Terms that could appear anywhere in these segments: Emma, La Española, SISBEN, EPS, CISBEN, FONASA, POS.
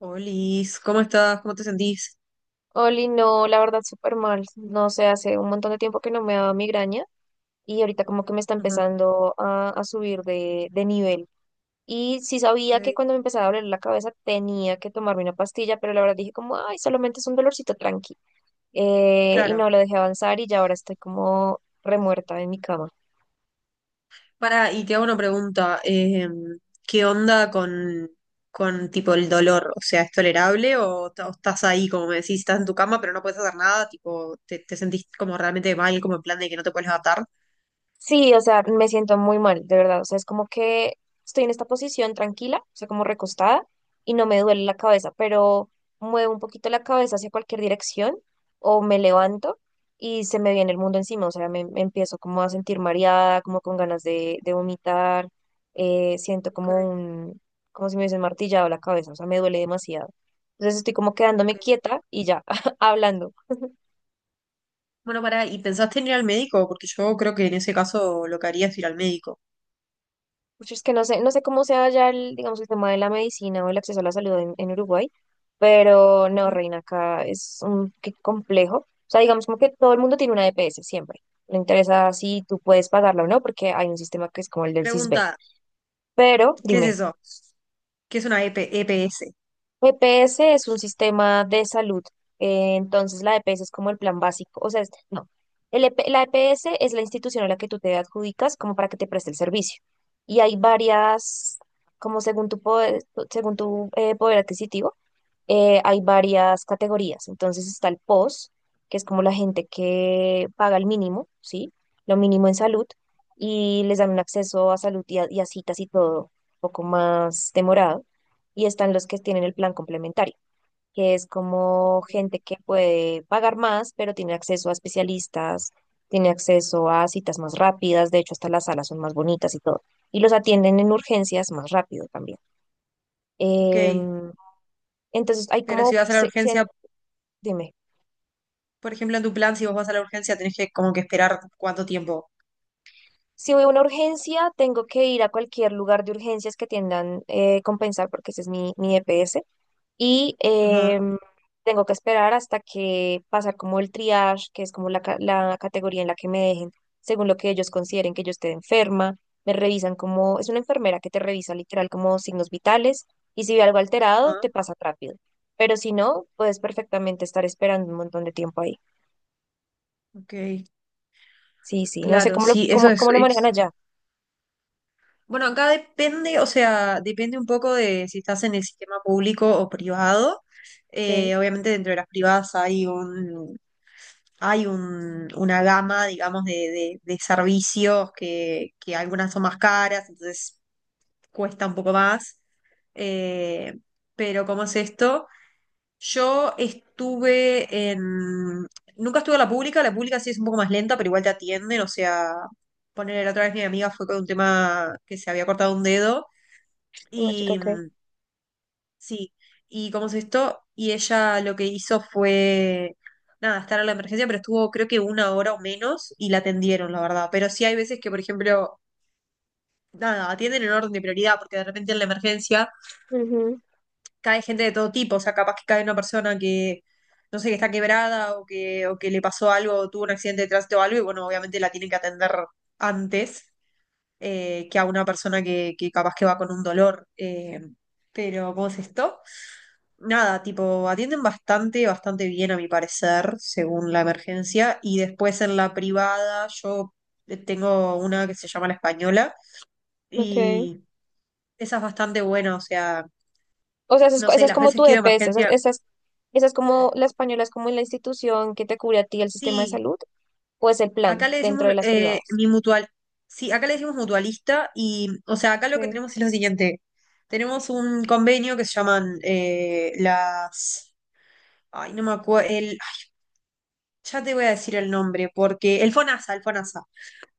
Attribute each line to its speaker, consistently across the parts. Speaker 1: Olis, ¿cómo estás? ¿Cómo te sentís?
Speaker 2: Oli, no, la verdad, súper mal. No sé, hace un montón de tiempo que no me daba migraña y ahorita como que me está
Speaker 1: Ajá.
Speaker 2: empezando a subir de nivel. Y sí sabía que
Speaker 1: Ok.
Speaker 2: cuando me empezaba a doler la cabeza tenía que tomarme una pastilla, pero la verdad dije como, ay, solamente es un dolorcito tranqui. Y
Speaker 1: Claro.
Speaker 2: no, lo dejé avanzar y ya ahora estoy como remuerta en mi cama.
Speaker 1: Para, y te hago una pregunta. ¿Qué onda con tipo el dolor? O sea, ¿es tolerable o, o estás ahí, como me decís, estás en tu cama pero no puedes hacer nada? Tipo, te sentís como realmente mal, como en plan de que no te puedes levantar?
Speaker 2: Sí, o sea, me siento muy mal, de verdad. O sea, es como que estoy en esta posición tranquila, o sea, como recostada, y no me duele la cabeza, pero muevo un poquito la cabeza hacia cualquier dirección o me levanto y se me viene el mundo encima. O sea, me empiezo como a sentir mareada, como con ganas de vomitar. Siento
Speaker 1: Ok.
Speaker 2: como como si me hubiesen martillado la cabeza, o sea, me duele demasiado. Entonces estoy como quedándome
Speaker 1: Ok.
Speaker 2: quieta y ya, hablando.
Speaker 1: Bueno, para, ¿y pensaste en ir al médico? Porque yo creo que en ese caso lo que haría es ir al médico.
Speaker 2: Pues es que no sé, no sé cómo sea ya el, digamos, el tema de la medicina o el acceso a la salud en Uruguay, pero no,
Speaker 1: Ujú.
Speaker 2: Reina, acá es un qué complejo. O sea, digamos como que todo el mundo tiene una EPS siempre. Le interesa si tú puedes pagarla o no, porque hay un sistema que es como el del CISBEN.
Speaker 1: Pregunta,
Speaker 2: Pero
Speaker 1: ¿qué es
Speaker 2: dime,
Speaker 1: eso? ¿Qué es una E E P E P S?
Speaker 2: EPS es un sistema de salud, entonces la EPS es como el plan básico, o sea, no, el EP la EPS es la institución a la que tú te adjudicas como para que te preste el servicio. Y hay varias, como según tu poder adquisitivo, hay varias categorías. Entonces está el POS, que es como la gente que paga el mínimo, ¿sí? Lo mínimo en salud y les dan un acceso a salud y y a citas y todo un poco más demorado. Y están los que tienen el plan complementario, que es como gente que puede pagar más, pero tiene acceso a especialistas, tiene acceso a citas más rápidas, de hecho hasta las salas son más bonitas y todo. Y los atienden en urgencias más rápido también.
Speaker 1: Ok.
Speaker 2: Em, entonces hay
Speaker 1: Pero si
Speaker 2: como
Speaker 1: vas a la urgencia,
Speaker 2: dime,
Speaker 1: por ejemplo, en tu plan, si vos vas a la urgencia, tenés que como que esperar cuánto tiempo.
Speaker 2: si voy a una urgencia, tengo que ir a cualquier lugar de urgencias que tiendan compensar, porque ese es mi EPS, y
Speaker 1: Ajá.
Speaker 2: tengo que esperar hasta que pasar como el triage, que es como la categoría en la que me dejen, según lo que ellos consideren que yo esté enferma, me revisan como, es una enfermera que te revisa literal como signos vitales, y si ve algo alterado,
Speaker 1: Ajá.
Speaker 2: te pasa rápido, pero si no, puedes perfectamente estar esperando un montón de tiempo ahí.
Speaker 1: Ok,
Speaker 2: Sí, sí, no sé
Speaker 1: claro,
Speaker 2: cómo lo,
Speaker 1: sí, eso
Speaker 2: cómo,
Speaker 1: es,
Speaker 2: cómo lo manejan
Speaker 1: es-
Speaker 2: allá.
Speaker 1: Bueno, acá depende, o sea, depende un poco de si estás en el sistema público o privado.
Speaker 2: Ok,
Speaker 1: Obviamente dentro de las privadas hay un, una gama, digamos, de servicios que algunas son más caras, entonces cuesta un poco más. Eh, pero ¿cómo es esto? Yo estuve en... Nunca estuve en la pública sí es un poco más lenta, pero igual te atienden, o sea, poner la otra vez mi amiga fue con un tema que se había cortado un dedo
Speaker 2: una chica,
Speaker 1: y
Speaker 2: ok.
Speaker 1: sí, y cómo es esto, y ella lo que hizo fue, nada, estar a la emergencia, pero estuvo creo que una hora o menos y la atendieron, la verdad, pero sí hay veces que, por ejemplo, nada, atienden en orden de prioridad, porque de repente en la emergencia
Speaker 2: Ujú,
Speaker 1: cae gente de todo tipo, o sea, capaz que cae una persona que, no sé, que está quebrada o que le pasó algo, o tuvo un accidente de tránsito o algo, y bueno, obviamente la tienen que atender antes que a una persona que capaz que va con un dolor. Pero, ¿cómo es esto? Nada, tipo, atienden bastante, bastante bien a mi parecer, según la emergencia, y después en la privada yo tengo una que se llama La Española,
Speaker 2: okay.
Speaker 1: y esa es bastante buena, o sea,
Speaker 2: O sea,
Speaker 1: no
Speaker 2: esa
Speaker 1: sé,
Speaker 2: es
Speaker 1: las
Speaker 2: como
Speaker 1: veces
Speaker 2: tu
Speaker 1: que he ido de
Speaker 2: EPS, esa,
Speaker 1: emergencia,
Speaker 2: esa esas es como la española, es como la institución que te cubre a ti el sistema de
Speaker 1: sí.
Speaker 2: salud, o es el
Speaker 1: Acá
Speaker 2: plan
Speaker 1: le
Speaker 2: dentro
Speaker 1: decimos
Speaker 2: de las privadas.
Speaker 1: mi mutual. Sí, acá le decimos mutualista y, o sea, acá lo que
Speaker 2: Okay.
Speaker 1: tenemos es lo siguiente. Tenemos un convenio que se llaman las... Ay, no me acuerdo. El... Ya te voy a decir el nombre, porque... El FONASA, el FONASA.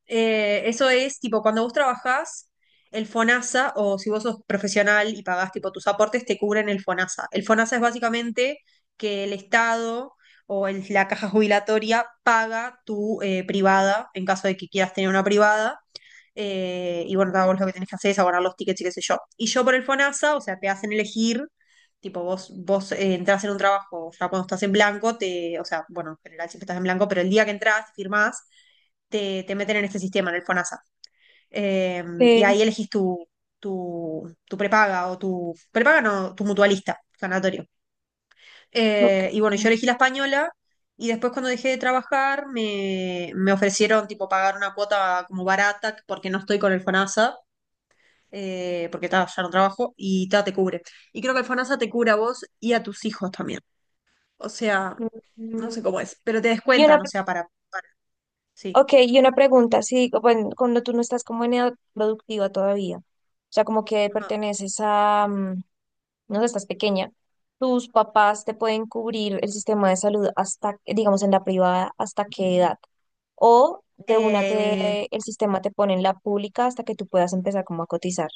Speaker 1: Eso es tipo cuando vos trabajás, el FONASA, o si vos sos profesional y pagás tipo tus aportes, te cubren el FONASA. El FONASA es básicamente que el Estado o la caja jubilatoria paga tu privada, en caso de que quieras tener una privada. Y bueno, nada, vos lo que tenés que hacer es abonar los tickets y qué sé yo. Y yo por el FONASA, o sea, te hacen elegir, tipo, vos entrás en un trabajo, ya cuando estás en blanco, te, o sea, bueno, en general siempre estás en blanco, pero el día que entras, firmás te meten en este sistema, en el FONASA. Eh, y
Speaker 2: Sí.
Speaker 1: ahí elegís tu prepaga o tu prepaga, no, tu mutualista, ganatorio.
Speaker 2: Okay.
Speaker 1: Y bueno, yo elegí la española y después cuando dejé de trabajar me ofrecieron tipo pagar una cuota como barata porque no estoy con el FONASA. Porque ta, ya no trabajo y ta, te cubre. Y creo que el FONASA te cubre a vos y a tus hijos también. O sea, no sé
Speaker 2: Mm.
Speaker 1: cómo es, pero te
Speaker 2: Y una,
Speaker 1: descuentan, o sea, para sí.
Speaker 2: okay, y una pregunta, sí, bueno, cuando tú no estás como en edad productiva todavía, o sea, como que
Speaker 1: Ajá.
Speaker 2: perteneces a, mm, no sé, estás pequeña, tus papás te pueden cubrir el sistema de salud hasta, digamos, en la privada, hasta qué edad. O de una
Speaker 1: Eh,
Speaker 2: te, el sistema te pone en la pública hasta que tú puedas empezar como a cotizar,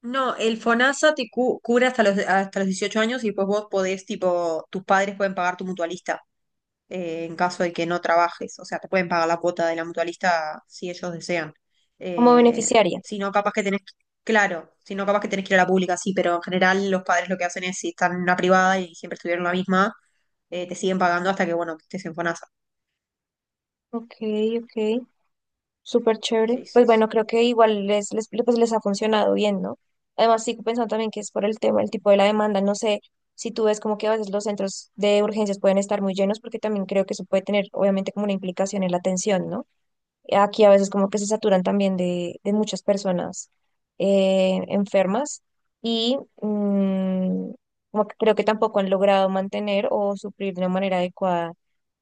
Speaker 1: no, el FONASA te cubre hasta los 18 años y pues vos podés, tipo, tus padres pueden pagar tu mutualista en caso de que no trabajes. O sea, te pueden pagar la cuota de la mutualista si ellos desean.
Speaker 2: como
Speaker 1: Eh,
Speaker 2: beneficiaria.
Speaker 1: si no, capaz que tenés. Claro, si no, capaz que tenés que ir a la pública, sí, pero en general los padres lo que hacen es, si están en una privada y siempre estuvieron en la misma, te siguen pagando hasta que, bueno, que estés en FONASA.
Speaker 2: Ok, ok, súper chévere.
Speaker 1: Sí,
Speaker 2: Pues
Speaker 1: sí. Sí.
Speaker 2: bueno, creo que igual pues les ha funcionado bien, ¿no? Además, sigo pensando también que es por el tema, el tipo de la demanda. No sé si tú ves como que a veces los centros de urgencias pueden estar muy llenos, porque también creo que eso puede tener, obviamente, como una implicación en la atención, ¿no? Aquí a veces como que se saturan también de muchas personas enfermas y como que creo que tampoco han logrado mantener o suplir de una manera adecuada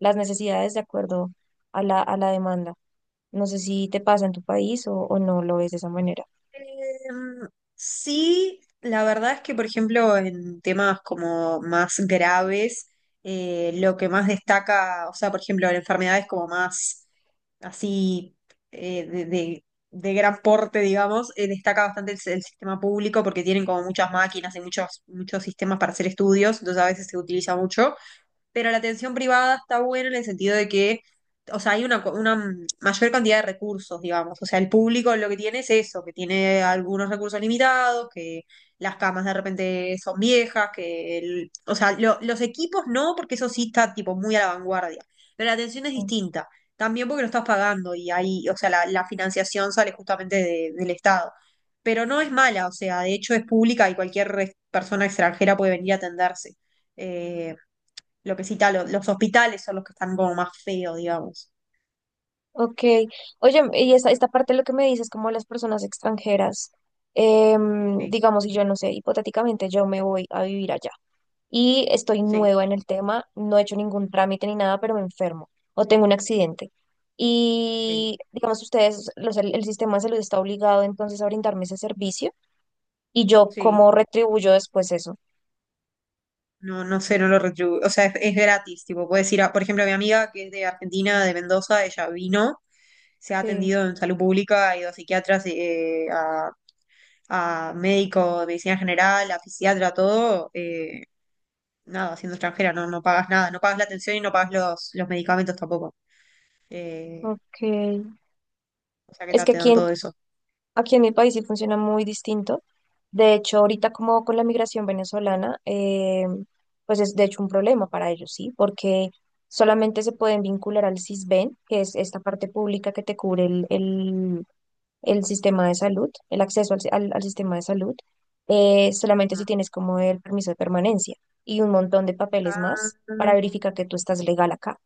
Speaker 2: las necesidades de acuerdo a a la demanda. No sé si te pasa en tu país o no lo ves de esa manera.
Speaker 1: Em, sí, la verdad es que, por ejemplo, en temas como más graves, lo que más destaca, o sea, por ejemplo, en enfermedades como más así eh, de, de- de gran porte, digamos, destaca bastante el sistema público porque tienen como muchas máquinas y muchos, muchos sistemas para hacer estudios, entonces a veces se utiliza mucho, pero la atención privada está buena en el sentido de que, o sea, hay una, una mayor cantidad de recursos, digamos. O sea, el público lo que tiene es eso, que tiene algunos recursos limitados, que las camas de repente son viejas, que el, o sea, los equipos no, porque eso sí está tipo muy a la vanguardia, pero la atención es
Speaker 2: Mm.
Speaker 1: distinta. También porque lo estás pagando y ahí, o sea, la financiación sale justamente del Estado. Pero no es mala, o sea, de hecho es pública y cualquier persona extranjera puede venir a atenderse. Eh, lo que cita, los hospitales son los que están como más feos, digamos.
Speaker 2: Ok, oye, y esta parte de lo que me dices, como las personas extranjeras,
Speaker 1: Sí,
Speaker 2: digamos, si yo no sé, hipotéticamente yo me voy a vivir allá. Y estoy
Speaker 1: sí,
Speaker 2: nueva en el tema, no he hecho ningún trámite ni nada, pero me enfermo o tengo un accidente.
Speaker 1: sí,
Speaker 2: Y digamos, ustedes, el sistema de salud está obligado entonces a brindarme ese servicio y yo
Speaker 1: sí.
Speaker 2: cómo retribuyo después eso.
Speaker 1: No, no sé, no lo retribuyo. O sea, es gratis, tipo, puedes ir a, por ejemplo, mi amiga que es de Argentina, de Mendoza, ella vino, se ha
Speaker 2: Sí,
Speaker 1: atendido en salud pública, ha ido a psiquiatras, a médico de medicina general, a fisiatra, todo, nada, siendo extranjera, no, no pagas nada, no pagas la atención y no pagas los medicamentos tampoco. Eh,
Speaker 2: ok.
Speaker 1: o sea que
Speaker 2: Es que
Speaker 1: te dan todo eso.
Speaker 2: aquí en mi país sí funciona muy distinto. De hecho, ahorita como con la migración venezolana, pues es de hecho un problema para ellos, ¿sí? Porque solamente se pueden vincular al SISBEN, que es esta parte pública que te cubre el sistema de salud, el acceso al, si- al- al sistema de salud, solamente si
Speaker 1: Ah,
Speaker 2: tienes como el permiso de permanencia y un montón de papeles
Speaker 1: ah,
Speaker 2: más para verificar que tú estás legal acá.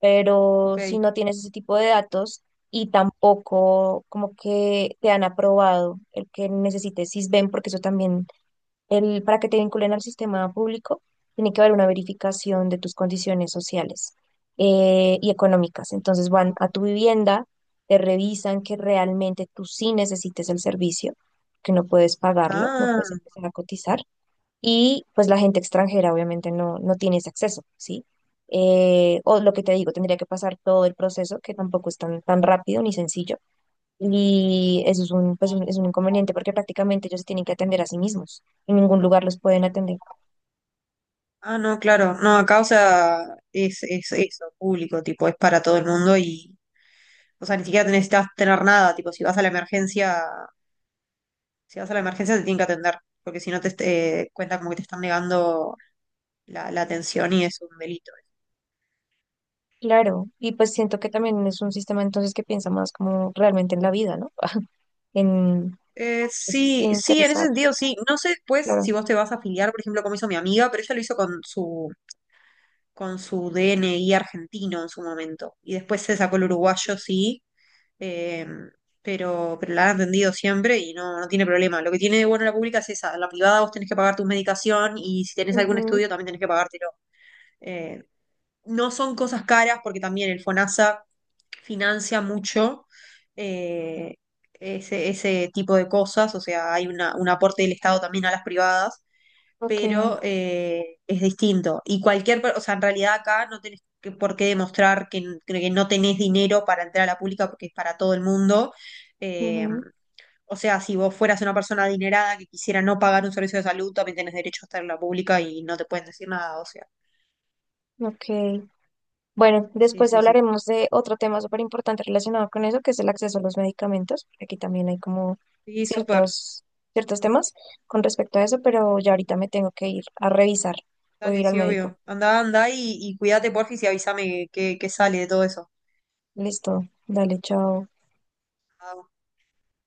Speaker 2: Pero
Speaker 1: ok.
Speaker 2: si no tienes ese tipo de datos y tampoco como que te han aprobado el que necesites SISBEN, porque eso también para que te vinculen al sistema público, tiene que haber una verificación de tus condiciones sociales y económicas. Entonces van a tu vivienda, te revisan que realmente tú sí necesites el servicio, que no puedes pagarlo, no puedes
Speaker 1: Ah.
Speaker 2: empezar a cotizar. Y pues la gente extranjera obviamente no, no tiene ese acceso, ¿sí? O lo que te digo, tendría que pasar todo el proceso, que tampoco es tan, tan rápido ni sencillo y eso es es un inconveniente porque prácticamente ellos se tienen que atender a sí mismos. En ningún lugar los pueden atender.
Speaker 1: Ah, no, claro. No, acá, o sea, es eso, público, tipo, es para todo el mundo y, o sea, ni siquiera te necesitas tener nada, tipo, si vas a la emergencia, si vas a la emergencia te tienen que atender, porque si no te cuenta como que te están negando la, la atención y es un delito.
Speaker 2: Claro, y pues siento que también es un sistema entonces que piensa más como realmente en la vida, ¿no? En, pues, sí,
Speaker 1: Sí, sí, en ese
Speaker 2: interesar,
Speaker 1: sentido, sí. No sé después
Speaker 2: claro.
Speaker 1: si vos te vas a afiliar, por ejemplo, como hizo mi amiga, pero ella lo hizo con con su DNI argentino en su momento y después se sacó el uruguayo, sí. eh, pero la han atendido siempre y no, no tiene problema. Lo que tiene de bueno la pública es esa, la privada vos tenés que pagar tu medicación y si tenés algún
Speaker 2: Ujú,
Speaker 1: estudio también tenés que pagártelo. Eh, no son cosas caras porque también el FONASA financia mucho eh, ese tipo de cosas, o sea, hay un aporte del Estado también a las privadas
Speaker 2: ok,
Speaker 1: pero es distinto. Y cualquier, o sea, en realidad acá no tenés por qué demostrar que, que no tenés dinero para entrar a la pública porque es para todo el mundo. Eh,
Speaker 2: ujú,
Speaker 1: o sea, si vos fueras una persona adinerada que quisiera no pagar un servicio de salud, también tenés derecho a estar en la pública y no te pueden decir nada, o sea.
Speaker 2: ok. Bueno,
Speaker 1: Sí,
Speaker 2: después
Speaker 1: sí, sí.
Speaker 2: hablaremos de otro tema súper importante relacionado con eso, que es el acceso a los medicamentos. Aquí también hay como
Speaker 1: Sí, súper.
Speaker 2: ciertos, ciertos temas con respecto a eso, pero ya ahorita me tengo que ir a revisar. Voy a
Speaker 1: Dale,
Speaker 2: ir al
Speaker 1: sí,
Speaker 2: médico.
Speaker 1: obvio. Anda, anda y cuídate, porfis, y avísame qué qué sale de todo eso.
Speaker 2: Listo, dale, chao.